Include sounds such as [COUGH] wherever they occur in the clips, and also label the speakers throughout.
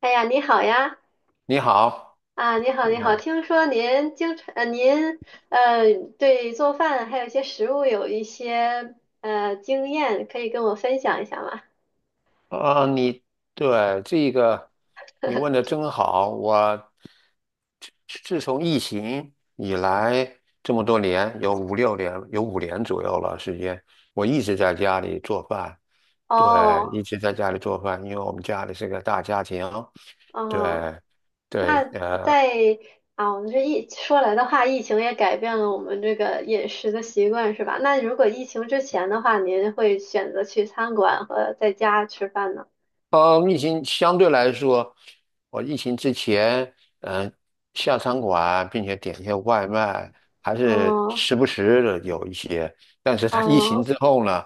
Speaker 1: 哎呀，你好呀！
Speaker 2: 你好，
Speaker 1: 啊，你好，
Speaker 2: 你
Speaker 1: 你好。
Speaker 2: 好，
Speaker 1: 听说您经常，您呃，对做饭还有一些食物有一些经验，可以跟我分享一下吗？
Speaker 2: 啊、你对这个你问的真好，我自从疫情以来这么多年，有五六年，有五年左右了时间，我一直在家里做饭。对，
Speaker 1: 哦，
Speaker 2: 一直在家里做饭，因为我们家里是个大家庭。
Speaker 1: 哦，
Speaker 2: 对，对。
Speaker 1: 那在我们这疫说来的话，疫情也改变了我们这个饮食的习惯，是吧？那如果疫情之前的话，您会选择去餐馆和在家吃饭呢？
Speaker 2: 疫情相对来说，我疫情之前，嗯、下餐馆并且点一些外卖，还是
Speaker 1: 哦，
Speaker 2: 时不时的有一些。但是他疫情
Speaker 1: 哦，
Speaker 2: 之后呢，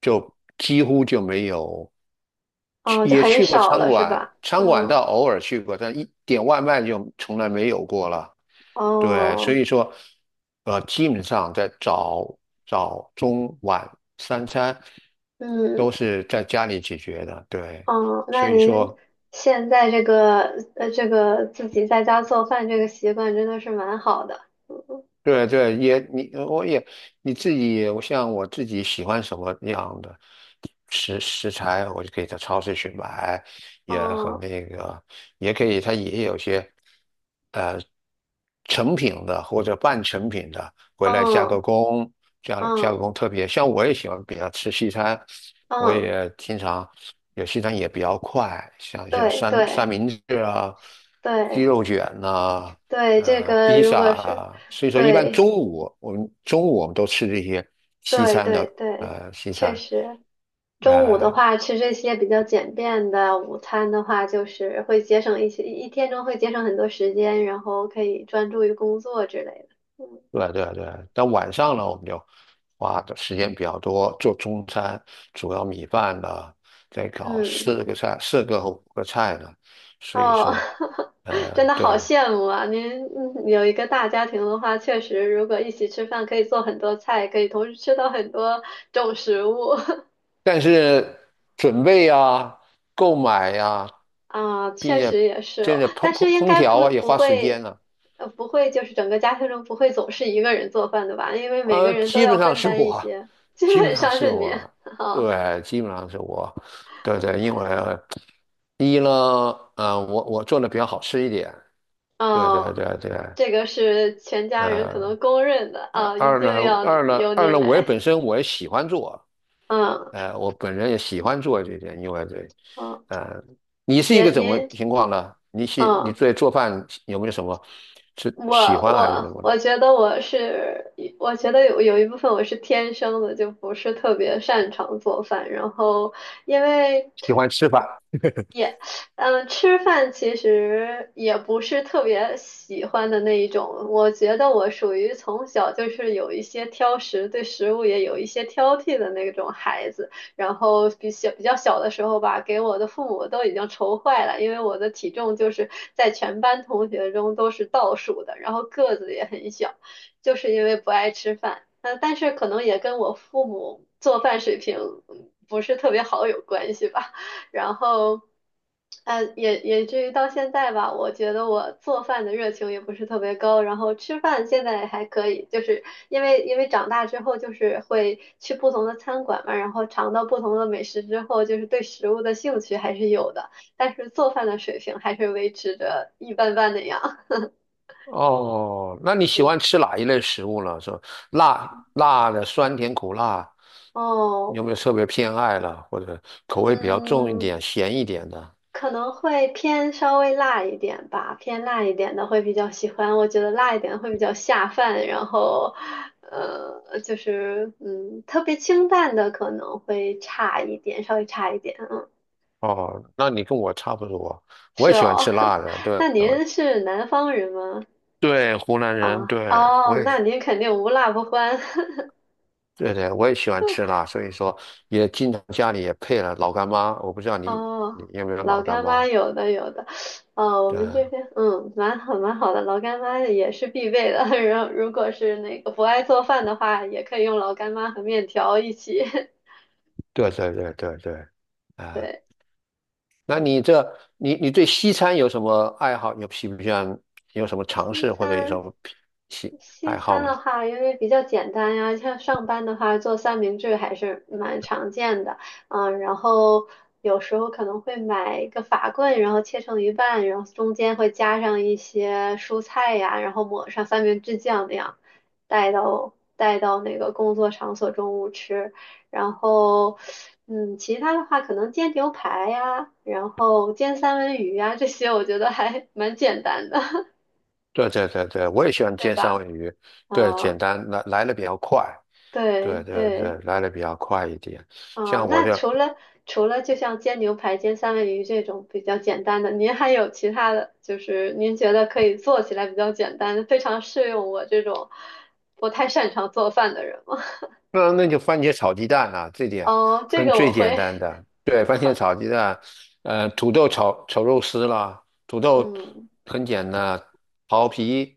Speaker 2: 就几乎就没有
Speaker 1: 哦，
Speaker 2: 去，
Speaker 1: 就
Speaker 2: 也
Speaker 1: 很
Speaker 2: 去过
Speaker 1: 少
Speaker 2: 餐
Speaker 1: 了，是
Speaker 2: 馆，
Speaker 1: 吧？
Speaker 2: 餐馆
Speaker 1: 嗯，
Speaker 2: 倒偶尔去过，但一点外卖就从来没有过了。对，所
Speaker 1: 哦。
Speaker 2: 以说，基本上在早、中、晚三餐都
Speaker 1: 嗯
Speaker 2: 是在家里解决的。对，
Speaker 1: 哦，那
Speaker 2: 所以
Speaker 1: 您
Speaker 2: 说。
Speaker 1: 现在这个这个自己在家做饭这个习惯真的是蛮好的。
Speaker 2: 对对，也你呃我也你自己，我像我自己喜欢什么样的食材，我就可以在超市去买，也很
Speaker 1: 嗯
Speaker 2: 那个，也可以，它也有些。成品的或者半成品的回来加个
Speaker 1: 嗯
Speaker 2: 工，加
Speaker 1: 嗯
Speaker 2: 加个
Speaker 1: 嗯
Speaker 2: 工特别。像我也喜欢比较吃西餐，我
Speaker 1: 嗯，
Speaker 2: 也经常有西餐也比较快，像一些
Speaker 1: 对
Speaker 2: 三三
Speaker 1: 对
Speaker 2: 明治啊、鸡
Speaker 1: 对
Speaker 2: 肉卷呐、
Speaker 1: 对，这个
Speaker 2: 披
Speaker 1: 如
Speaker 2: 萨
Speaker 1: 果是
Speaker 2: 啊。所以说，一般中
Speaker 1: 对
Speaker 2: 午我们中午我们都吃这些西
Speaker 1: 对
Speaker 2: 餐
Speaker 1: 对
Speaker 2: 的
Speaker 1: 对，
Speaker 2: 西
Speaker 1: 确
Speaker 2: 餐。
Speaker 1: 实，中午的
Speaker 2: 呃，
Speaker 1: 话吃这些比较简便的午餐的话，就是会节省一些一天中会节省很多时间，然后可以专注于工作之类的。嗯
Speaker 2: 对啊对啊对啊，但晚上呢，我们就花的时间比较多，做中餐，主要米饭呢，再搞
Speaker 1: 嗯。
Speaker 2: 四个菜，四个和五个菜呢。所以
Speaker 1: 哦，
Speaker 2: 说，
Speaker 1: [LAUGHS] 真的
Speaker 2: 对，
Speaker 1: 好羡慕啊！您嗯有一个大家庭的话，确实，如果一起吃饭，可以做很多菜，可以同时吃到很多种食物 [LAUGHS]
Speaker 2: 但是准备呀、购买呀、
Speaker 1: 啊，
Speaker 2: 并
Speaker 1: 确
Speaker 2: 且
Speaker 1: 实也是
Speaker 2: 这
Speaker 1: 哦。
Speaker 2: 个烹
Speaker 1: 但是
Speaker 2: 烹
Speaker 1: 应
Speaker 2: 烹
Speaker 1: 该
Speaker 2: 调
Speaker 1: 不
Speaker 2: 啊也
Speaker 1: 不
Speaker 2: 花时间
Speaker 1: 会，
Speaker 2: 呢。
Speaker 1: 不会就是整个家庭中不会总是一个人做饭的吧？因为每个人都
Speaker 2: 基
Speaker 1: 要
Speaker 2: 本上
Speaker 1: 分
Speaker 2: 是
Speaker 1: 担一
Speaker 2: 我，
Speaker 1: 些，基
Speaker 2: 基本
Speaker 1: 本
Speaker 2: 上
Speaker 1: 上
Speaker 2: 是
Speaker 1: 是您。
Speaker 2: 我，
Speaker 1: [LAUGHS] 哦
Speaker 2: 对，基本上是我，对对，因为一呢，我做的比较好吃一点。对对
Speaker 1: 哦，
Speaker 2: 对对，
Speaker 1: 这个是全家人可
Speaker 2: 呃，
Speaker 1: 能公认的
Speaker 2: 二
Speaker 1: 啊，一
Speaker 2: 二呢，
Speaker 1: 定要由
Speaker 2: 二
Speaker 1: 您
Speaker 2: 呢，我也
Speaker 1: 来。
Speaker 2: 本身我也喜欢做，
Speaker 1: 嗯
Speaker 2: 我本人也喜欢做这些，因为对。
Speaker 1: 嗯，
Speaker 2: 呃，你是一
Speaker 1: 也
Speaker 2: 个怎么
Speaker 1: 您
Speaker 2: 情况呢？你
Speaker 1: 嗯。
Speaker 2: 对做饭有没有什么是
Speaker 1: 我
Speaker 2: 喜欢还是什
Speaker 1: 我
Speaker 2: 么呢？
Speaker 1: 我觉得我是，我觉得有一部分我是天生的，就不是特别擅长做饭。然后因为
Speaker 2: 喜欢吃饭。[LAUGHS]
Speaker 1: 嗯，吃饭其实也不是特别喜欢的那一种。我觉得我属于从小就是有一些挑食，对食物也有一些挑剔的那种孩子。然后比较小的时候吧，给我的父母都已经愁坏了，因为我的体重就是在全班同学中都是倒数的，然后个子也很小，就是因为不爱吃饭。那但是可能也跟我父母做饭水平嗯不是特别好有关系吧。然后，也至于到现在吧，我觉得我做饭的热情也不是特别高，然后吃饭现在还可以，就是因为长大之后就是会去不同的餐馆嘛，然后尝到不同的美食之后，就是对食物的兴趣还是有的，但是做饭的水平还是维持着一般般那样。
Speaker 2: 哦，那你
Speaker 1: [LAUGHS]
Speaker 2: 喜
Speaker 1: 嗯，
Speaker 2: 欢吃哪一类食物呢？是吧，辣的、酸甜苦辣，
Speaker 1: 哦，
Speaker 2: 有没有特别偏爱了，或者口味比较重一
Speaker 1: 嗯。
Speaker 2: 点、咸一点的？
Speaker 1: 可能会偏稍微辣一点吧，偏辣一点的会比较喜欢。我觉得辣一点会比较下饭，然后，就是嗯，特别清淡的可能会差一点，稍微差一点。嗯，
Speaker 2: 哦，那你跟我差不多，我
Speaker 1: 是
Speaker 2: 也喜欢
Speaker 1: 哦。
Speaker 2: 吃辣的。对，
Speaker 1: [LAUGHS] 那
Speaker 2: 我
Speaker 1: 您是南方人吗？
Speaker 2: 对，湖南
Speaker 1: 啊，
Speaker 2: 人，对，我
Speaker 1: 哦，
Speaker 2: 也，
Speaker 1: 那您肯定无辣不欢。[LAUGHS]
Speaker 2: 对对，我也喜欢吃辣，所以说也经常家里也配了老干妈。我不知道你
Speaker 1: 哦，
Speaker 2: 有没有老
Speaker 1: 老
Speaker 2: 干
Speaker 1: 干妈
Speaker 2: 妈？
Speaker 1: 有的有的，哦，我
Speaker 2: 对，
Speaker 1: 们这边嗯蛮好蛮好的，老干妈也是必备的。[LAUGHS] 然后如果是那个不爱做饭的话，也可以用老干妈和面条一起。[LAUGHS]
Speaker 2: 对对对对对。啊，
Speaker 1: 对，
Speaker 2: 那
Speaker 1: 嗯
Speaker 2: 你这你你对西餐有什么爱好？有喜不喜欢？有什么尝
Speaker 1: 西
Speaker 2: 试或者有什
Speaker 1: 餐
Speaker 2: 么
Speaker 1: 西
Speaker 2: 爱
Speaker 1: 餐
Speaker 2: 好呢？
Speaker 1: 的话，因为比较简单呀，像上班的话做三明治还是蛮常见的，嗯，然后有时候可能会买一个法棍，然后切成一半，然后中间会加上一些蔬菜呀，然后抹上三明治酱那样，带到那个工作场所中午吃，然后嗯，其他的话可能煎牛排呀，然后煎三文鱼呀，这些我觉得还 [LAUGHS] 蛮简单的，
Speaker 2: 对对对对，我也喜
Speaker 1: [LAUGHS]
Speaker 2: 欢
Speaker 1: 对
Speaker 2: 煎三
Speaker 1: 吧？
Speaker 2: 文鱼，对，简
Speaker 1: 啊、
Speaker 2: 单来的比较快，
Speaker 1: 对
Speaker 2: 对对对，
Speaker 1: 对
Speaker 2: 来的比较快一点。
Speaker 1: 啊，
Speaker 2: 像我
Speaker 1: 那
Speaker 2: 就
Speaker 1: 除了除了就像煎牛排、煎三文鱼这种比较简单的，您还有其他的，就是您觉得可以做起来比较简单，非常适用我这种不太擅长做饭的人吗？
Speaker 2: 那那就番茄炒鸡蛋啊，这
Speaker 1: [LAUGHS]
Speaker 2: 点
Speaker 1: 哦，这
Speaker 2: 很
Speaker 1: 个我
Speaker 2: 最简
Speaker 1: 会，
Speaker 2: 单的。对，番茄
Speaker 1: [LAUGHS]
Speaker 2: 炒鸡蛋，土豆炒肉丝啦，土豆
Speaker 1: 嗯
Speaker 2: 很简单，刨皮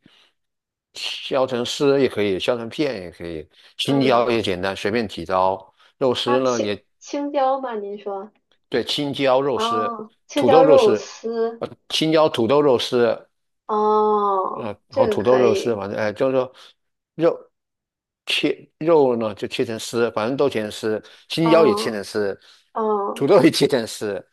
Speaker 2: 削成丝也可以，削成片也可以，青椒
Speaker 1: 嗯，
Speaker 2: 也简单，随便几刀。肉丝
Speaker 1: 啊
Speaker 2: 呢也
Speaker 1: 青椒吗？您说
Speaker 2: 对，青椒肉丝、
Speaker 1: 哦，青
Speaker 2: 土
Speaker 1: 椒
Speaker 2: 豆肉
Speaker 1: 肉
Speaker 2: 丝，
Speaker 1: 丝
Speaker 2: 青椒土豆肉丝，
Speaker 1: 哦，这
Speaker 2: 和
Speaker 1: 个
Speaker 2: 土豆
Speaker 1: 可
Speaker 2: 肉丝，
Speaker 1: 以，
Speaker 2: 反正哎，就是说肉切肉呢就切成丝，反正都切成丝，青椒也切
Speaker 1: 哦
Speaker 2: 成丝，
Speaker 1: 哦
Speaker 2: 土豆也切成丝，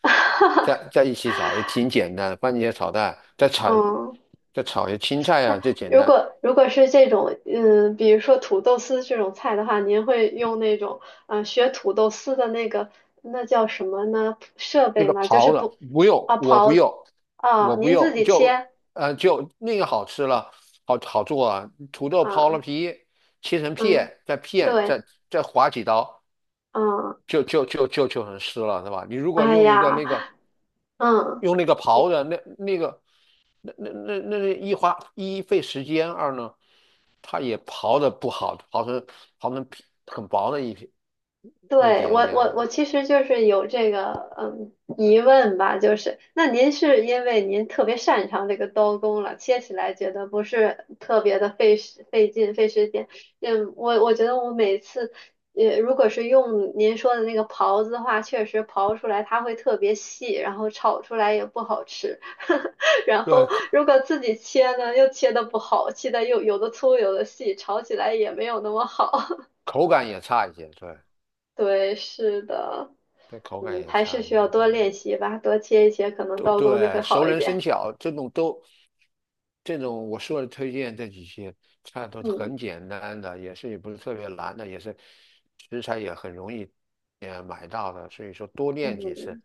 Speaker 2: 在一起炒也挺简单的，番茄炒蛋，
Speaker 1: 哦。嗯
Speaker 2: 再炒些青
Speaker 1: [LAUGHS]
Speaker 2: 菜啊，
Speaker 1: 那
Speaker 2: 最简单。
Speaker 1: 如果是这种，嗯，比如说土豆丝这种菜的话，您会用那种，嗯、学土豆丝的那个，那叫什么呢？设
Speaker 2: 那
Speaker 1: 备
Speaker 2: 个
Speaker 1: 吗？就是
Speaker 2: 刨的，
Speaker 1: 不，
Speaker 2: 不用，
Speaker 1: 啊，
Speaker 2: 我不
Speaker 1: 刨子
Speaker 2: 用，
Speaker 1: 啊，
Speaker 2: 我不
Speaker 1: 您自
Speaker 2: 用，
Speaker 1: 己
Speaker 2: 就
Speaker 1: 切
Speaker 2: 就那个好吃了，好好做啊。土豆刨了
Speaker 1: 啊，
Speaker 2: 皮，切成
Speaker 1: 嗯，
Speaker 2: 片，再片，
Speaker 1: 对，
Speaker 2: 再再划几刀，
Speaker 1: 嗯，
Speaker 2: 就很湿了，对吧？你如果
Speaker 1: 哎
Speaker 2: 用一个
Speaker 1: 呀，
Speaker 2: 那个
Speaker 1: 嗯。
Speaker 2: 用那个刨的，那一花一费时间，二呢，它也刨的不好，刨成皮很薄的一片，一
Speaker 1: 对，
Speaker 2: 点
Speaker 1: 我
Speaker 2: 一点
Speaker 1: 我我
Speaker 2: 啊。
Speaker 1: 其实就是有这个嗯疑问吧，就是那您是因为您特别擅长这个刀工了，切起来觉得不是特别的费时费劲费时间。嗯，我觉得我每次也如果是用您说的那个刨子的话，确实刨出来它会特别细，然后炒出来也不好吃。[LAUGHS] 然
Speaker 2: 对，
Speaker 1: 后如果自己切呢，又切的不好，切的又有的粗有的细，炒起来也没有那么好。
Speaker 2: 口感也差一些，对。
Speaker 1: 对，是的，
Speaker 2: 对，口感
Speaker 1: 嗯，
Speaker 2: 也
Speaker 1: 还是
Speaker 2: 差一
Speaker 1: 需
Speaker 2: 点，
Speaker 1: 要多
Speaker 2: 等等，
Speaker 1: 练习吧，多切一切，可能
Speaker 2: 都
Speaker 1: 刀工就会
Speaker 2: 对，
Speaker 1: 好
Speaker 2: 熟
Speaker 1: 一
Speaker 2: 能生
Speaker 1: 点。
Speaker 2: 巧，这种我说的推荐这几些菜都是
Speaker 1: 嗯
Speaker 2: 很简单的，也是也不是特别难的，也是食材也很容易，买到的，所以说多练几次。
Speaker 1: 嗯，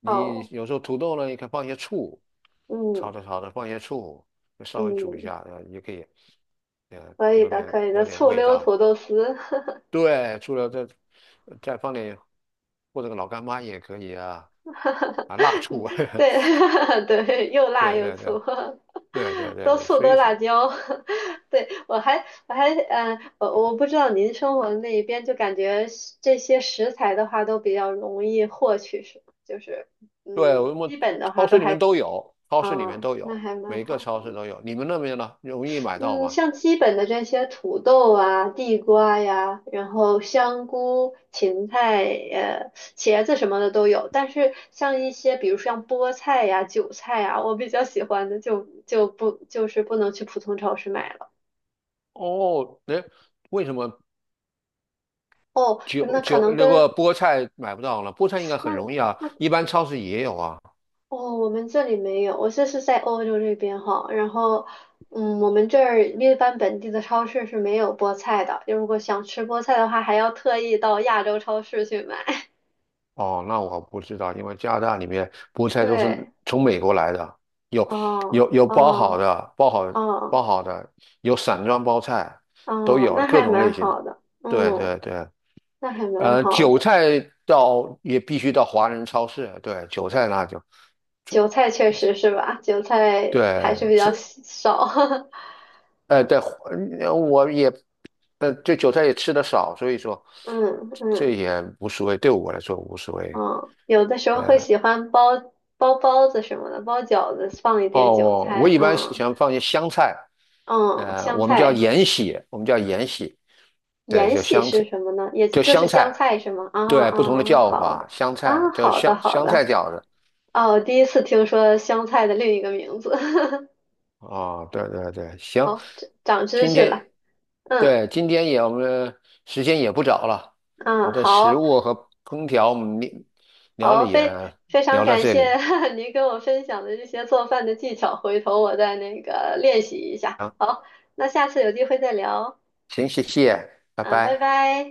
Speaker 2: 你
Speaker 1: 好，
Speaker 2: 有时候土豆呢，你可以放些醋，
Speaker 1: 嗯
Speaker 2: 炒着炒着放些醋，稍微煮一
Speaker 1: 嗯，
Speaker 2: 下，也可以，
Speaker 1: 可以的，可以的，
Speaker 2: 有点
Speaker 1: 醋
Speaker 2: 味
Speaker 1: 溜土
Speaker 2: 道。
Speaker 1: 豆丝，[LAUGHS]
Speaker 2: 对，除了这，再放点或者个老干妈也可以啊。啊，辣
Speaker 1: 嗯
Speaker 2: 醋。
Speaker 1: 对
Speaker 2: [LAUGHS]
Speaker 1: [LAUGHS] 对，又辣
Speaker 2: 对
Speaker 1: 又
Speaker 2: 对对
Speaker 1: 醋，
Speaker 2: 对对
Speaker 1: [LAUGHS] 多
Speaker 2: 对，
Speaker 1: 醋
Speaker 2: 所
Speaker 1: 多
Speaker 2: 以说，
Speaker 1: 辣椒。[LAUGHS] 对，我还嗯，我我不知道您生活的那一边，就感觉是这些食材的话都比较容易获取，是吗就是
Speaker 2: 对
Speaker 1: 嗯，
Speaker 2: 我们
Speaker 1: 基本的
Speaker 2: 超
Speaker 1: 话都
Speaker 2: 市里面
Speaker 1: 还
Speaker 2: 都有，超市里面
Speaker 1: 嗯，
Speaker 2: 都
Speaker 1: 那
Speaker 2: 有，
Speaker 1: 还蛮
Speaker 2: 每个
Speaker 1: 好。
Speaker 2: 超市都有。你们那边呢，容易买到
Speaker 1: 嗯，
Speaker 2: 吗？
Speaker 1: 像基本的这些土豆啊、地瓜呀，然后香菇、芹菜、茄子什么的都有。但是像一些，比如像菠菜呀、韭菜呀，我比较喜欢的就就不不能去普通超市买了。
Speaker 2: 哦，哎，为什么
Speaker 1: 哦，
Speaker 2: 韭
Speaker 1: 那可
Speaker 2: 韭
Speaker 1: 能
Speaker 2: 那个
Speaker 1: 跟
Speaker 2: 菠菜买不到呢？菠菜应该很
Speaker 1: 那。
Speaker 2: 容易啊，一般超市也有啊。
Speaker 1: 哦，我们这里没有，我这是在欧洲这边哈，然后，嗯，我们这儿一般本地的超市是没有菠菜的，就如果想吃菠菜的话，还要特意到亚洲超市去买。[LAUGHS]
Speaker 2: 哦，那我不知道，因为加拿大里面菠菜都是
Speaker 1: 对，
Speaker 2: 从美国来的，有
Speaker 1: 哦，
Speaker 2: 有包好
Speaker 1: 哦，
Speaker 2: 的，
Speaker 1: 哦，
Speaker 2: 包好的，有散装包菜，都
Speaker 1: 哦，
Speaker 2: 有
Speaker 1: 那
Speaker 2: 各
Speaker 1: 还
Speaker 2: 种
Speaker 1: 蛮
Speaker 2: 类型的。
Speaker 1: 好的，
Speaker 2: 对
Speaker 1: 嗯，
Speaker 2: 对对，
Speaker 1: 那还蛮好
Speaker 2: 韭
Speaker 1: 的。
Speaker 2: 菜到也必须到华人超市，对，韭菜那就
Speaker 1: 韭菜确实是吧，韭菜还是
Speaker 2: 对
Speaker 1: 比较
Speaker 2: 吃，
Speaker 1: 稀少，[LAUGHS]
Speaker 2: 呃，对，呃我也，呃，对韭菜也吃的少，所以说
Speaker 1: 嗯
Speaker 2: 这
Speaker 1: 嗯
Speaker 2: 也无所谓，对我来说无所谓。
Speaker 1: 嗯，有的时候会喜欢包包子什么的，包饺子放一点
Speaker 2: 哦，
Speaker 1: 韭
Speaker 2: 我我
Speaker 1: 菜，
Speaker 2: 一般
Speaker 1: 嗯。
Speaker 2: 喜欢放些香菜，
Speaker 1: 嗯，香
Speaker 2: 我们叫
Speaker 1: 菜
Speaker 2: 芫荽，我们叫芫荽，对，
Speaker 1: 延
Speaker 2: 叫
Speaker 1: 禧
Speaker 2: 香
Speaker 1: 是
Speaker 2: 菜，
Speaker 1: 什么呢？也
Speaker 2: 叫
Speaker 1: 就是
Speaker 2: 香菜，
Speaker 1: 香菜是吗？啊
Speaker 2: 对，
Speaker 1: 啊
Speaker 2: 不同的
Speaker 1: 啊，
Speaker 2: 叫
Speaker 1: 好
Speaker 2: 法，
Speaker 1: 的
Speaker 2: 香菜
Speaker 1: 啊，
Speaker 2: 叫
Speaker 1: 好的好
Speaker 2: 香
Speaker 1: 的。
Speaker 2: 菜饺子，
Speaker 1: 哦，我第一次听说香菜的另一个名字，[LAUGHS]
Speaker 2: 哦，对对对，行。
Speaker 1: 好，长长知
Speaker 2: 今
Speaker 1: 识
Speaker 2: 天，
Speaker 1: 了。嗯
Speaker 2: 对，今天也我们时间也不早了，我
Speaker 1: 嗯，
Speaker 2: 们的食
Speaker 1: 好
Speaker 2: 物和空调我们聊聊了
Speaker 1: 好，
Speaker 2: 也
Speaker 1: 非常
Speaker 2: 聊到
Speaker 1: 感
Speaker 2: 这
Speaker 1: 谢
Speaker 2: 里。
Speaker 1: [LAUGHS] 您跟我分享的这些做饭的技巧，回头我再那个练习一下。
Speaker 2: 啊，
Speaker 1: 那下次有机会再聊
Speaker 2: 行，谢谢，拜
Speaker 1: 啊，拜
Speaker 2: 拜。
Speaker 1: 拜。